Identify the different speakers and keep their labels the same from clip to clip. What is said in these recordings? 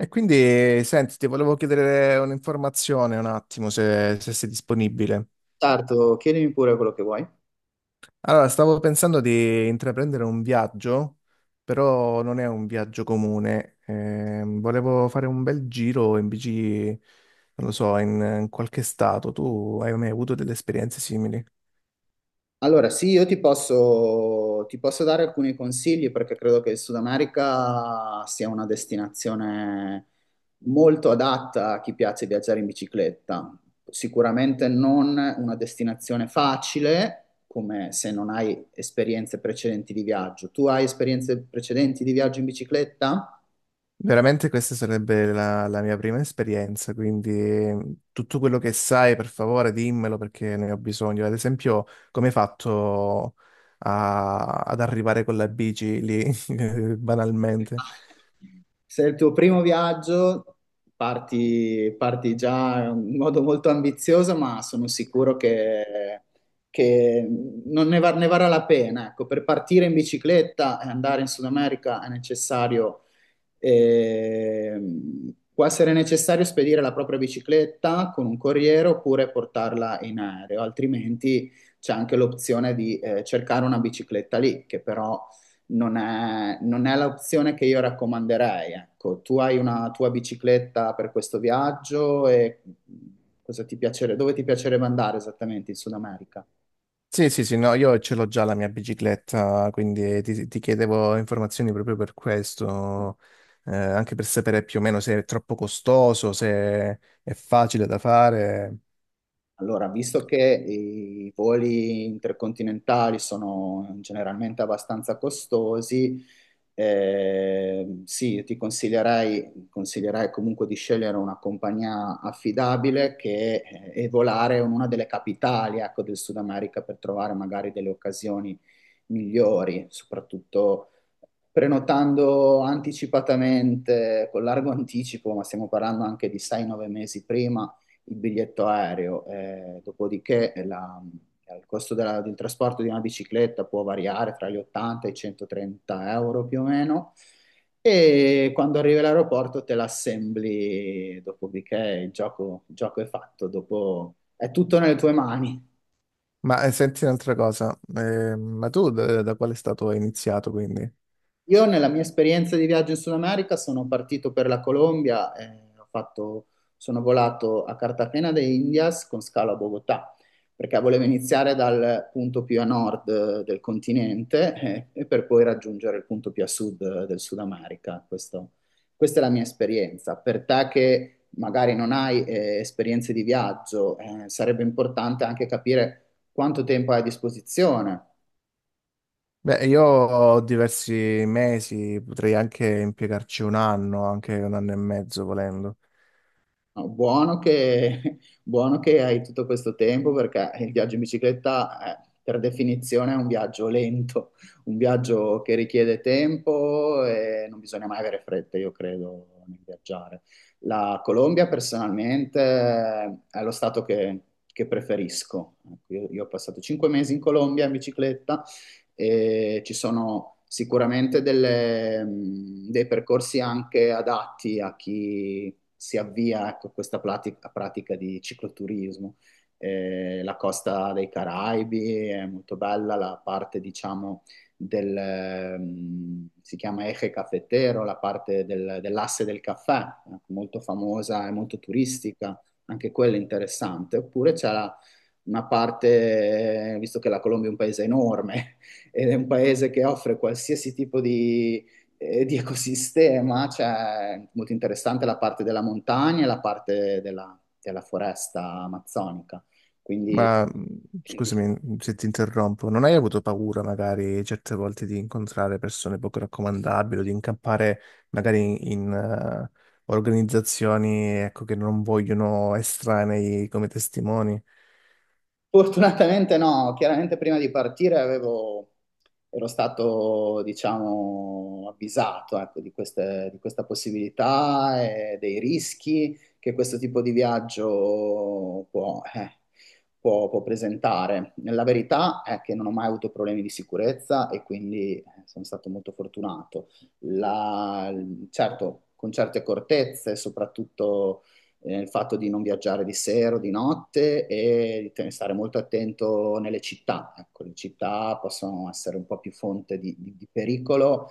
Speaker 1: E quindi, senti, ti volevo chiedere un'informazione un attimo, se sei disponibile.
Speaker 2: Sarto, chiedimi pure quello che vuoi.
Speaker 1: Allora, stavo pensando di intraprendere un viaggio, però non è un viaggio comune. Volevo fare un bel giro in bici, non lo so, in qualche stato. Tu hai mai avuto delle esperienze simili?
Speaker 2: Allora, sì, io ti posso dare alcuni consigli perché credo che il Sud America sia una destinazione molto adatta a chi piace viaggiare in bicicletta. Sicuramente non una destinazione facile, come se non hai esperienze precedenti di viaggio. Tu hai esperienze precedenti di viaggio in bicicletta?
Speaker 1: Veramente questa sarebbe la mia prima esperienza, quindi tutto quello che sai, per favore, dimmelo perché ne ho bisogno. Ad esempio, come hai fatto ad arrivare con la bici lì, banalmente?
Speaker 2: Se è il tuo primo viaggio, parti già in modo molto ambizioso, ma sono sicuro che non ne, va- ne varrà la pena. Ecco, per partire in bicicletta e andare in Sud America può essere necessario spedire la propria bicicletta con un corriere oppure portarla in aereo, altrimenti c'è anche l'opzione di cercare una bicicletta lì, che però non è l'opzione che io raccomanderei. Ecco, tu hai una tua bicicletta per questo viaggio e cosa ti piacerebbe, dove ti piacerebbe andare esattamente in Sud America?
Speaker 1: Sì, sì, sì, no, io ce l'ho già la mia bicicletta, quindi ti chiedevo informazioni proprio per questo, anche per sapere più o meno se è troppo costoso, se è facile da fare.
Speaker 2: Allora, visto che i voli intercontinentali sono generalmente abbastanza costosi, sì, io ti consiglierei comunque di scegliere una compagnia affidabile e volare in una delle capitali, ecco, del Sud America per trovare magari delle occasioni migliori, soprattutto prenotando anticipatamente, con largo anticipo, ma stiamo parlando anche di 6-9 mesi prima il biglietto aereo, dopodiché il costo del trasporto di una bicicletta può variare tra gli 80 e i 130 euro più o meno. E quando arrivi all'aeroporto te l'assembli, dopodiché il gioco è fatto, dopo è tutto nelle tue mani.
Speaker 1: Ma senti un'altra cosa, ma tu da quale stato hai iniziato quindi?
Speaker 2: Io nella mia esperienza di viaggio in Sud America sono partito per la Colombia, sono volato a Cartagena de Indias con scalo a Bogotà, perché volevo iniziare dal punto più a nord del continente e per poi raggiungere il punto più a sud del Sud America. Questa è la mia esperienza. Per te che magari non hai esperienze di viaggio, sarebbe importante anche capire quanto tempo hai a disposizione.
Speaker 1: Beh, io ho diversi mesi, potrei anche impiegarci un anno, anche un anno e mezzo volendo.
Speaker 2: No, buono che, buono che hai tutto questo tempo perché il viaggio in bicicletta, per definizione, è un viaggio lento, un viaggio che richiede tempo e non bisogna mai avere fretta, io credo, nel viaggiare. La Colombia, personalmente, è lo stato che preferisco. Ecco, io ho passato 5 mesi in Colombia in bicicletta e ci sono sicuramente dei percorsi anche adatti a chi si avvia, ecco, a pratica di cicloturismo. La costa dei Caraibi è molto bella, la parte, diciamo, si chiama Eje Cafetero, la parte dell'asse del caffè, molto famosa e molto turistica, anche quella interessante. Oppure una parte, visto che la Colombia è un paese enorme, ed è un paese che offre qualsiasi tipo di ecosistema, cioè molto interessante la parte della montagna e la parte della foresta amazzonica, quindi.
Speaker 1: Ma scusami se ti interrompo, non hai avuto paura magari certe volte di incontrare persone poco raccomandabili o di incappare magari in organizzazioni ecco, che non vogliono estranei come testimoni?
Speaker 2: Fortunatamente no, chiaramente prima di partire ero stato, diciamo, avvisato, ecco, di questa possibilità e dei rischi che questo tipo di viaggio può presentare. La verità è che non ho mai avuto problemi di sicurezza e quindi sono stato molto fortunato. La- certo, con certe accortezze, soprattutto il fatto di non viaggiare di sera o di notte e stare molto attento nelle città. Ecco, le città possono essere un po' più fonte di pericolo,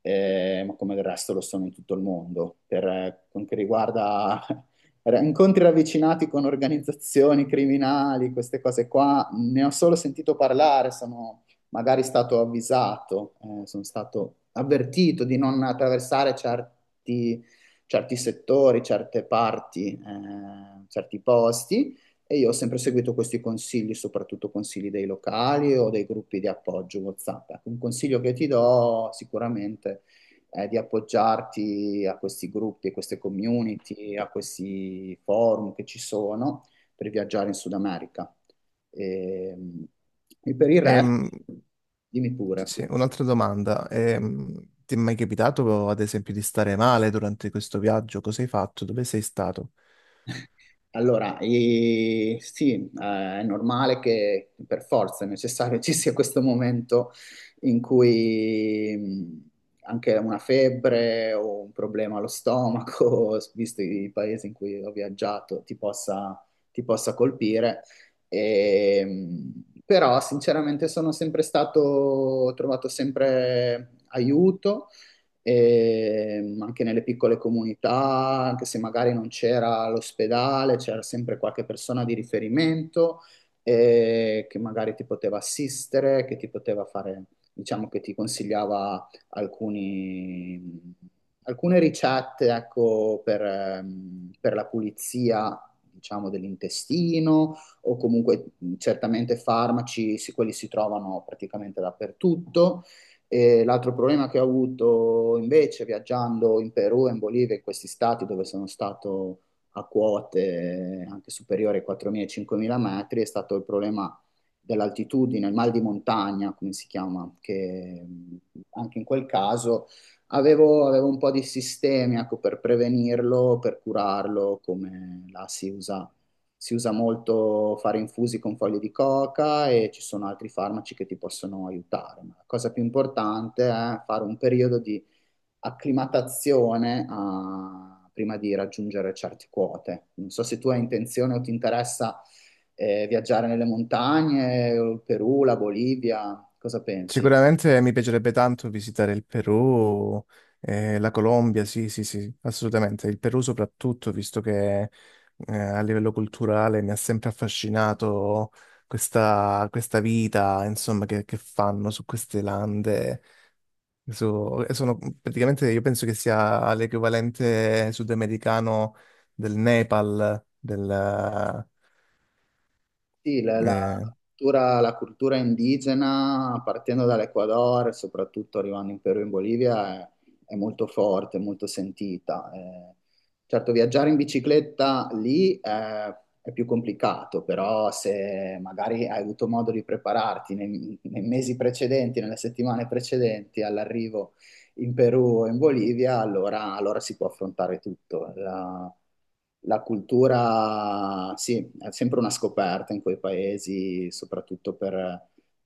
Speaker 2: ma come del resto lo sono in tutto il mondo. Per quanto riguarda incontri ravvicinati con organizzazioni criminali, queste cose qua, ne ho solo sentito parlare, sono magari stato avvisato, sono stato avvertito di non attraversare certi settori, certe parti, certi posti e io ho sempre seguito questi consigli, soprattutto consigli dei locali o dei gruppi di appoggio WhatsApp. Ecco, un consiglio che ti do sicuramente è di appoggiarti a questi gruppi, a queste community, a questi forum che ci sono per viaggiare in Sud America. E, e per il resto,
Speaker 1: Ehm,
Speaker 2: dimmi pure.
Speaker 1: Sì, un'altra domanda. Ti è mai capitato, ad esempio, di stare male durante questo viaggio? Cosa hai fatto? Dove sei stato?
Speaker 2: Allora, sì, è normale che per forza è necessario ci sia questo momento in cui anche una febbre o un problema allo stomaco, visto i paesi in cui ho viaggiato, ti possa colpire. Però, sinceramente, sono sempre stato, ho trovato sempre aiuto e anche nelle piccole comunità, anche se magari non c'era l'ospedale, c'era sempre qualche persona di riferimento che magari ti poteva assistere, che ti poteva fare, diciamo che ti consigliava alcune ricette, ecco, per la pulizia. Diciamo dell'intestino o comunque certamente farmaci, sì, quelli si trovano praticamente dappertutto e l'altro problema che ho avuto invece viaggiando in Perù e in Bolivia, in questi stati dove sono stato a quote anche superiori ai 4.000-5.000 metri, è stato il problema dell'altitudine, il mal di montagna, come si chiama, che anche in quel caso avevo un po' di sistemi, ecco, per prevenirlo, per curarlo, come la si usa molto fare infusi con foglie di coca e ci sono altri farmaci che ti possono aiutare, ma la cosa più importante è fare un periodo di acclimatazione prima di raggiungere certe quote. Non so se tu hai intenzione o ti interessa viaggiare nelle montagne, il Perù, la Bolivia, cosa pensi?
Speaker 1: Sicuramente mi piacerebbe tanto visitare il Perù, la Colombia, sì, sì, sì, assolutamente. Il Perù soprattutto, visto che a livello culturale mi ha sempre affascinato questa vita, insomma, che fanno su queste lande. Sono praticamente, io penso che sia l'equivalente sudamericano del Nepal, del,
Speaker 2: Sì, la
Speaker 1: eh,
Speaker 2: cultura indigena, partendo dall'Ecuador, soprattutto arrivando in Perù e in Bolivia, è molto forte, molto sentita. Certo, viaggiare in bicicletta lì è più complicato, però se magari hai avuto modo di prepararti nei mesi precedenti, nelle settimane precedenti all'arrivo in Perù o in Bolivia, allora si può affrontare tutto. La cultura, sì, è sempre una scoperta in quei paesi, soprattutto per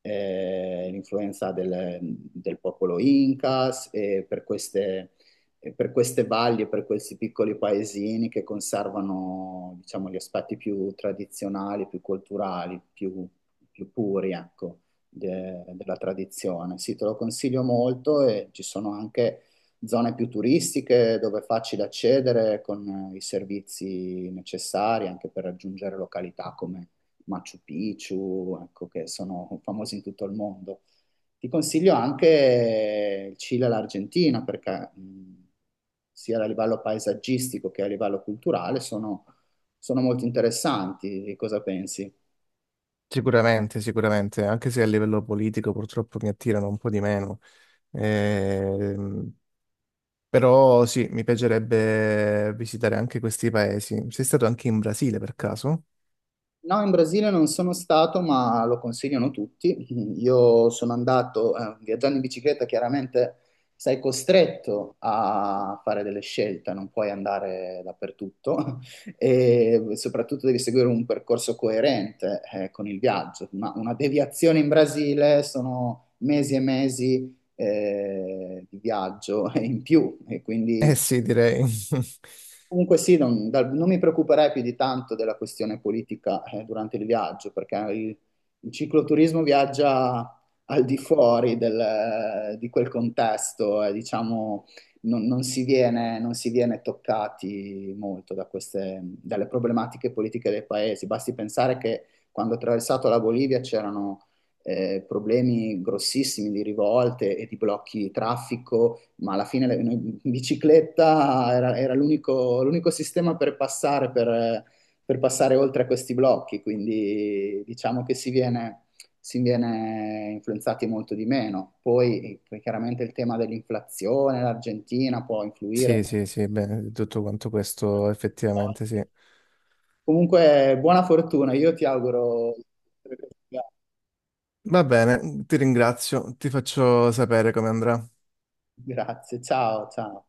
Speaker 2: l'influenza del popolo Incas e per queste valli, e per questi piccoli paesini che conservano, diciamo, gli aspetti più tradizionali, più culturali, più puri, ecco della tradizione. Sì, te lo consiglio molto e ci sono anche zone più turistiche dove è facile accedere con i servizi necessari anche per raggiungere località come Machu Picchu, ecco, che sono famosi in tutto il mondo. Ti consiglio anche il Cile e l'Argentina perché sia a livello paesaggistico che a livello culturale sono molto interessanti. Cosa pensi?
Speaker 1: sicuramente, sicuramente, anche se a livello politico purtroppo mi attirano un po' di meno. Ehm, Però sì, mi piacerebbe visitare anche questi paesi. Sei stato anche in Brasile per caso?
Speaker 2: No, in Brasile non sono stato, ma lo consigliano tutti. Io sono andato, viaggiando in bicicletta, chiaramente sei costretto a fare delle scelte, non puoi andare dappertutto e soprattutto devi seguire un percorso coerente, con il viaggio. Una deviazione in Brasile sono mesi e mesi, di viaggio in più e
Speaker 1: Eh
Speaker 2: quindi.
Speaker 1: sì, direi.
Speaker 2: Comunque sì, non mi preoccuperei più di tanto della questione politica durante il viaggio, perché il cicloturismo viaggia al di fuori di quel contesto e diciamo non si viene toccati molto da dalle problematiche politiche dei paesi. Basti pensare che quando ho attraversato la Bolivia c'erano problemi grossissimi di rivolte e di blocchi di traffico ma alla fine in bicicletta era l'unico sistema per passare oltre a questi blocchi, quindi diciamo che si viene influenzati molto di meno. Poi chiaramente il tema dell'inflazione, l'Argentina può influire.
Speaker 1: Sì, sì, sì, beh, tutto quanto questo effettivamente sì.
Speaker 2: Comunque, buona fortuna, io ti auguro.
Speaker 1: Va bene, ti ringrazio, ti faccio sapere come andrà.
Speaker 2: Grazie, ciao, ciao.